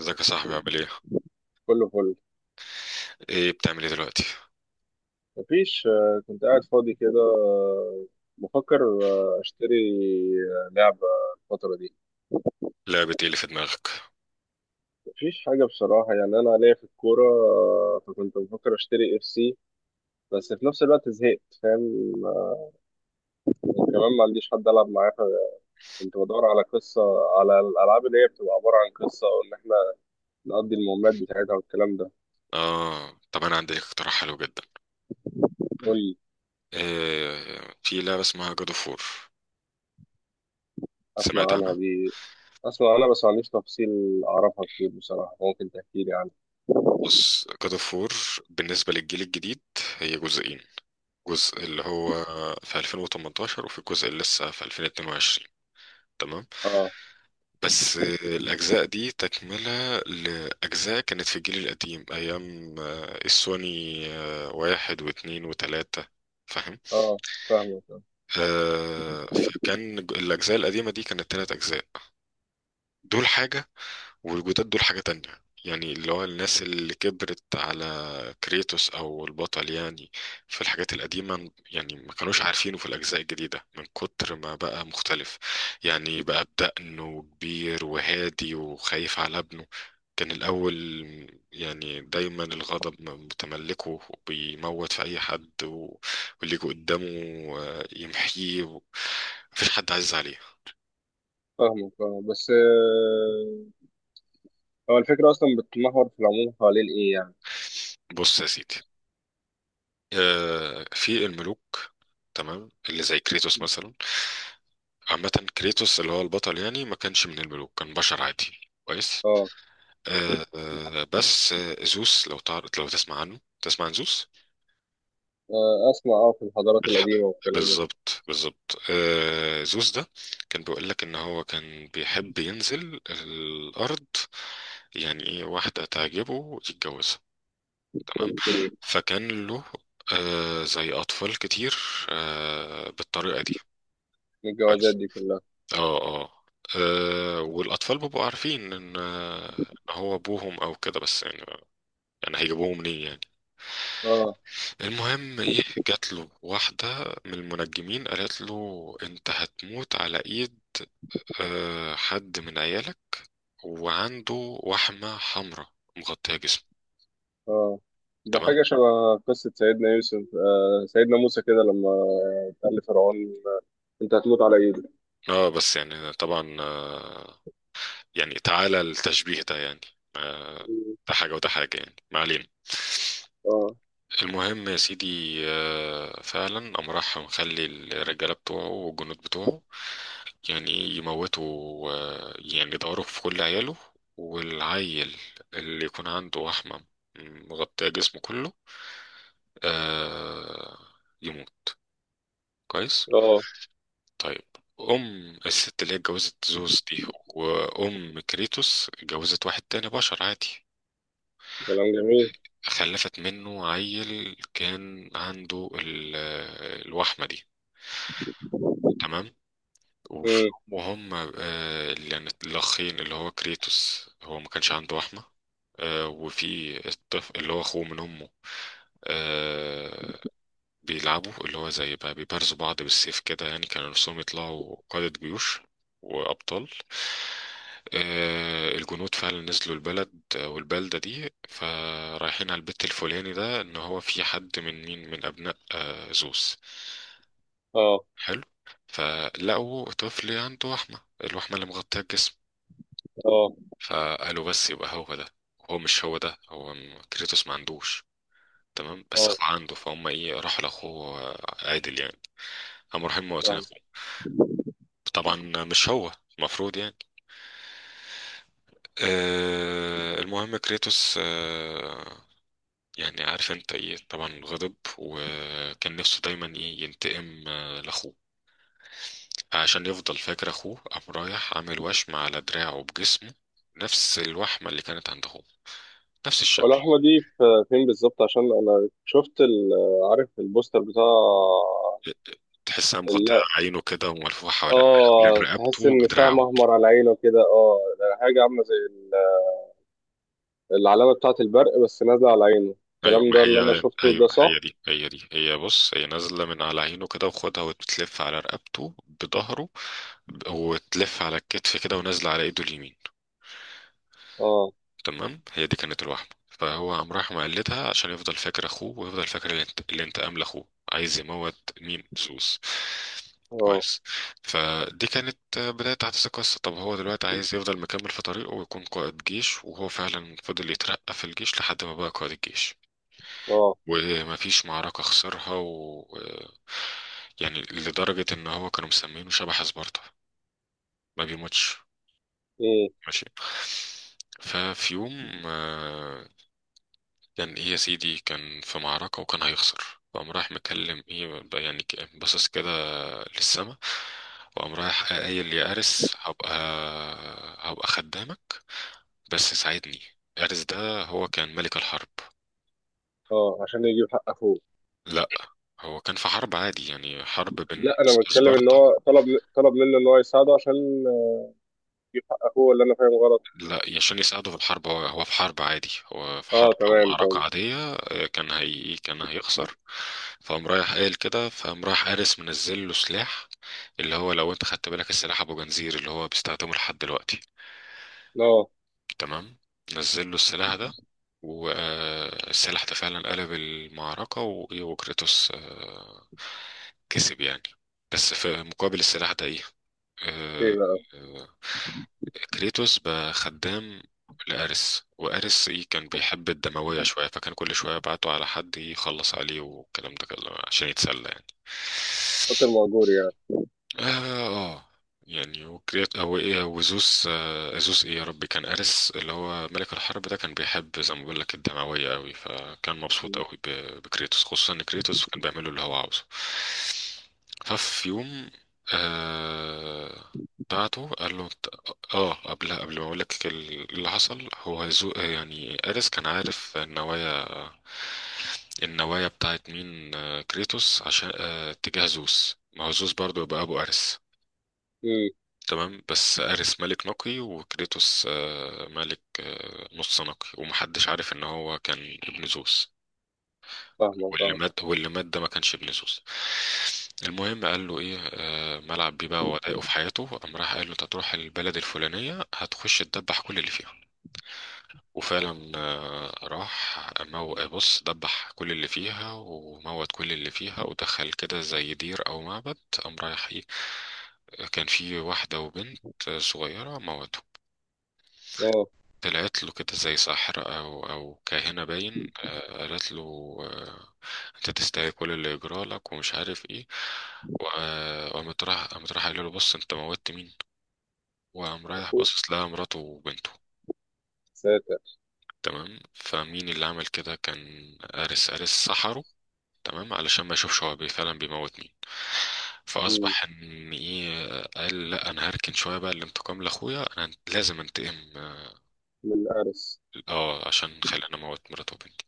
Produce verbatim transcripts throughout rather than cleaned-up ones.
ازيك يا صاحبي؟ عامل ايه؟ كله فل. ايه بتعمل ايه دلوقتي؟ مفيش. آه، كنت قاعد فاضي كده. آه، بفكر آه، اشتري آه، لعبة الفترة دي. لعبة ايه اللي في دماغك؟ مفيش حاجة بصراحة، يعني أنا ليا في الكورة، آه، فكنت بفكر اشتري اف سي، بس في نفس الوقت زهقت، فاهم؟ آه، كمان ما عنديش حد ألعب معاه، فكنت بدور على قصة، على الألعاب اللي هي بتبقى عبارة عن قصة وإن إحنا نقضي المهمات بتاعتها والكلام ده. اه، طب انا عندي لك اقتراح حلو جدا. قول لي. إيه، في لعبة اسمها جاد اوف وور. سمعت أسمع عنها عنها؟ دي. أسمع عنها بس ما عنديش تفصيل أعرفها كتير بصراحة، ممكن تحكي لي عنها. بص، جاد اوف وور بالنسبة للجيل الجديد هي جزئين. جزء اللي هو في ألفين وتمنتاشر وفي الجزء اللي لسه في ألفين واتنين وعشرين. تمام، آه. بس آه، الأجزاء دي تكملة لأجزاء كانت في الجيل القديم أيام آه، السوني آه، واحد واثنين وثلاثة. آه. فاهمك. آه، فكان ج- الأجزاء القديمة دي كانت تلات أجزاء. دول حاجة، والجداد دول حاجة تانية، يعني اللي هو الناس اللي كبرت على كريتوس أو البطل يعني في الحاجات القديمة، يعني ما كانوش عارفينه في الأجزاء الجديدة من كتر ما بقى مختلف. يعني بقى بدقن وكبير وهادي وخايف على ابنه. كان الأول يعني دايما الغضب متملكه وبيموت في أي حد و- واللي يجي قدامه آه، يمحيه، مفيش حد عزيز عليه. فاهمك اه، بس، آه، هو الفكرة أصلا بتتمحور في العموم حوالين إيه يعني؟ بص يا سيدي، آه، في الملوك، تمام، اللي زي كريتوس مثلا. عامة كريتوس اللي هو البطل يعني ما كانش من الملوك، كان بشر عادي. كويس. اه. آه، آه، بس آه، زوس، لو تعرف، لو تسمع عنه، تسمع عن زوس. آه، أسمع، اه، في الحضارات بالحق، القديمة والكلام ده. بالظبط بالظبط آه، زوس ده كان بيقول لك ان هو كان بيحب ينزل الارض، يعني ايه واحدة تعجبه يتجوزها، تمام. أوكي. فكان له آه، زي اطفال كتير آه، بالطريقة دي. الجوازات كويس. دي كلها. اه، اه، آه، والاطفال بيبقوا عارفين ان آه، ان هو ابوهم او كده، بس يعني يعني هيجيبوه منين يعني؟ اه، المهم ايه، جات له واحده من المنجمين قالت له: انت هتموت على ايد آه، حد من عيالك، وعنده وحمه حمراء مغطيه جسمه. اه. ده تمام. حاجة شبه قصة سيدنا يوسف، آه سيدنا موسى كده لما قال لفرعون أنت هتموت على إيدي. اه، بس يعني طبعا آه، يعني تعالى التشبيه ده يعني، آه، مم. ده حاجه وده حاجه، يعني ما علينا. اه، المهم يا سيدي، آه، فعلا قام راح مخلي الرجالة بتوعه والجنود بتوعه، يعني ايه، يموتوا آه، يعني يدوروا في كل عياله، والعيل اللي يكون عنده وحمة مغطية جسمه كله آه، يموت. كويس. اه. طيب، أم الست اللي هي اتجوزت زوز دي وأم كريتوس اتجوزت واحد تاني بشر عادي، كلام جميل. خلفت منه عيل كان عنده ال- آه، الوحمة دي. تمام. وف- مم. وهم آه، اللي يعني الأخين، اللي هو كريتوس هو ما كانش عنده وحمة آه، وفي الطفل اللي هو أخوه من أمه آه، بيلعبوا، اللي هو زي بقى بيبارزوا بعض بالسيف كده، يعني كانوا نفسهم يطلعوا قادة جيوش وأبطال. آه، الجنود فعلا نزلوا البلد آه، والبلدة دي، فرايحين على البيت الفلاني ده إن هو في حد من مين، من أبناء آه، زوس. اه، حلو. فلقوا طفل عنده وحمة، الوحمة اللي مغطية الجسم، اه، فقالوا بس يبقى هو ده. هو مش هو ده، هو م- كريتوس ما عندوش، تمام، بس اه. أخوه عنده، فهم ايه، راحوا لأخوه آه، عادل يعني. قاموا رايحين موتين فاهم. أخوه. طبعا مش هو المفروض يعني. آه، المهم كريتوس آه، يعني عارف انت ايه طبعا، غضب وكان نفسه دايما ايه، ينتقم آه لأخوه. عشان يفضل فاكر اخوه قام رايح عامل وشم على دراعه بجسمه، نفس الوحمة اللي كانت عند اخوه، نفس الشكل. واللحمة دي في- فين بالظبط؟ عشان أنا شفت ال- عارف البوستر بتاع؟ تحسها مغطية عينه كده وملفوفة حوالين، حوالين اه، تحس رقبته ان سهم بدراعه. احمر على عينه كده. اه، ده حاجه عامله زي ال- العلامه بتاعه البرق، بس نازله على عينه، ايوه، الكلام ما ده اللي انا هي شفته ده ايوه، هي صح؟ دي، هي دي، هي بص هي نازلة من على عينه كده وخدها وتلف على رقبته بظهره، وتلف على الكتف كده ونازلة على ايده اليمين. اه، تمام، هي دي كانت الوحمة. فهو قام راح مقلدها عشان يفضل فاكر اخوه ويفضل فاكر الانت- الانتقام لاخوه، عايز يموت مين؟ سوس. اه، كويس. فدي كانت بداية أحداث القصة. طب هو دلوقتي عايز يفضل مكمل في طريقه ويكون قائد جيش، وهو فعلا فضل يترقى في الجيش لحد ما بقى قائد الجيش اه. ومفيش معركة خسرها، و... يعني لدرجة إن هو كانوا مسمينه شبح سبارتا، ما بيموتش. ايه. ماشي. ففي يوم كان ايه يا سيدي، كان في معركة وكان هيخسر، فقام رايح مكلم ايه بقى، يعني ك- باصص كده للسما، وقام رايح قايل: يا أرس، هبقى هبقى خدامك، بس ساعدني. أرس ده هو كان ملك الحرب. اه، عشان يجيب حق اخوه. لا، هو كان في حرب عادي يعني، حرب بين لا، انا بتكلم ان سبارتا. هو طلب طلب منه ان هو يساعده عشان يجيب حق اخوه، ولا انا فاهم غلط؟ لا، عشان يساعده في الحرب، هو هو في حرب عادي، هو في حرب اه، او تمام معركة تمام. عادية آه، كان هي كان هيخسر. فقام رايح قايل كده، فقام رايح قارس منزل له سلاح، اللي هو لو انت خدت بالك السلاح ابو جنزير اللي هو بيستخدمه لحد دلوقتي، اه. تمام. نزل له السلاح ده، والسلاح ده فعلا قلب المعركة و- وكريتوس آه، كسب يعني. بس في مقابل السلاح ده ايه؟ ايه آه، بقى؟ آه، كريتوس بقى خدام لأريس، وأريس إيه، كان بيحب الدموية شوية، فكان كل شوية بعته على حد يخلص عليه والكلام ده كله عشان يتسلى يعني. قاتل مأجور يعني. اه، آه. يعني وكريات او ايه وزوس، آه زوس، ايه يا ربي، كان ارس اللي هو ملك الحرب ده كان بيحب زي ما بقول لك الدمويه قوي، فكان مبسوط قوي ب- بكريتوس خصوصا ان كريتوس كان بيعمله اللي هو عاوزه. ففي يوم آه، بعته قال له ت- اه، قبل قبل ما اقول لك ال- اللي حصل، هو زو يعني ارس كان عارف النوايا النوايا بتاعت مين، آه، كريتوس، عشان اتجاه زوس، ما هو زوس برضه يبقى ابو ارس. امم. تمام، بس ارس ملك نقي وكريتوس آه، ملك آه، نص نقي، ومحدش عارف ان هو كان ابن زوس. فاهمك، واللي اه. مات، واللي مات ده ما كانش ابن زوس. المهم قال له ايه، آه، ملعب بيه بقى وضايقه في حياته، قام راح قال له: انت هتروح البلد الفلانيه هتخش تدبح كل اللي فيها. وفعلا آه، راح مو... بص دبح كل اللي فيها وموت كل اللي فيها، ودخل كده زي دير او معبد. قام رايح ايه، كان في واحدة وبنت صغيرة موتهم. اه، طلعت له كده زي ساحرة أو أو كاهنة باين، آه، قالت له: آه، أنت تستاهل كل اللي يجرى لك ومش عارف إيه، وآه، وقامت راح قامت راح قال له: بص، أنت موتت مين؟ وقام رايح اخوه. باصص لها مراته وبنته. ساتر. تمام، فمين اللي عمل كده؟ كان أرس، أرس سحره، تمام، علشان ما يشوفش هو بي- فعلا بيموت مين. مم. فاصبح ان ايه، قال: لا، انا هركن شويه بقى الانتقام لاخويا، انا لازم انتقم. من الارس. اه، عشان خلاني اموت مراته وبنتي.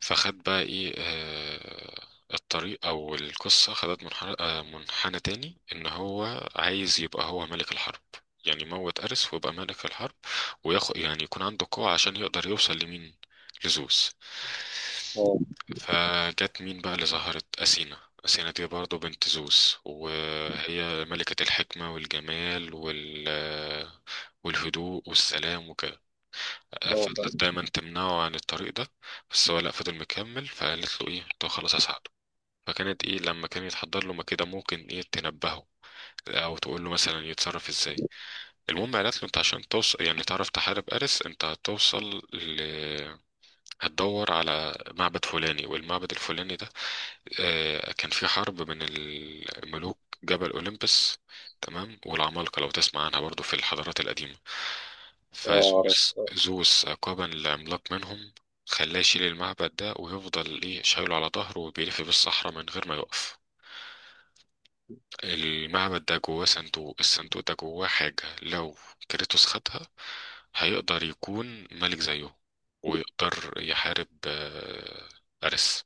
فخد بقى ايه آه، الطريق او القصه خدت منحنى آه، منحنى تاني، ان هو عايز يبقى هو ملك الحرب، يعني يموت أرس ويبقى ملك الحرب، وياخد يعني يكون عنده قوة عشان يقدر يوصل لمين؟ لزوس. اه، فجت مين بقى اللي ظهرت؟ أثينا. أثينا دي برضه بنت زوس، وهي ملكة الحكمة والجمال وال والهدوء والسلام وكده. اه، اه. فضلت دايما تمنعه عن الطريق ده، بس هو لأ، فضل مكمل، فقالت له ايه، طب خلاص هساعده. فكانت ايه، لما كان يتحضر له ما كده ممكن ايه تنبهه او تقول له مثلا يتصرف ازاي. المهم قالت له: انت عشان توصل يعني تعرف تحارب ارس، انت هتوصل ل... هتدور على معبد فلاني، والمعبد الفلاني ده آه، كان في حرب بين الملوك، جبل أوليمبس، تمام، والعمالقة لو تسمع عنها برضو في الحضارات القديمة. آه، فزوس، عرفت. زوس عقابا لعملاق منهم، خلاه يشيل المعبد ده ويفضل ايه شايله على ظهره وبيلف بالصحراء من غير ما يقف. المعبد ده جواه صندوق، الصندوق ده جواه حاجة لو كريتوس خدها هيقدر يكون ملك زيه، ويقدر يحارب آه، أرس.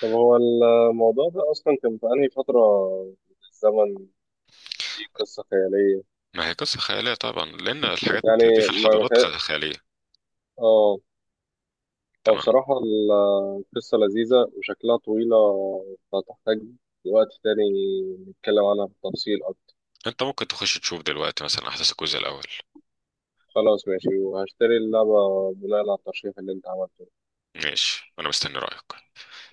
طب هو الموضوع ده أصلا كان في أنهي فترة من الزمن؟ دي قصة خيالية ما هي قصة خيالية طبعا، لأن الحاجات يعني؟ دي في ما ما الحضارات كان، خ- خيالية. آه. هو تمام، بصراحة ال- القصة لذيذة وشكلها طويلة، فتحتاج وقت تاني نتكلم عنها بالتفصيل أكتر. أنت ممكن تخش تشوف دلوقتي مثلا أحداث الجزء الأول. خلاص ماشي، وهشتري اللعبة بناء على الترشيح اللي أنت عملته. ماشي، وأنا مستني رأيك.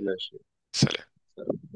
ماشي. سلام. سلام.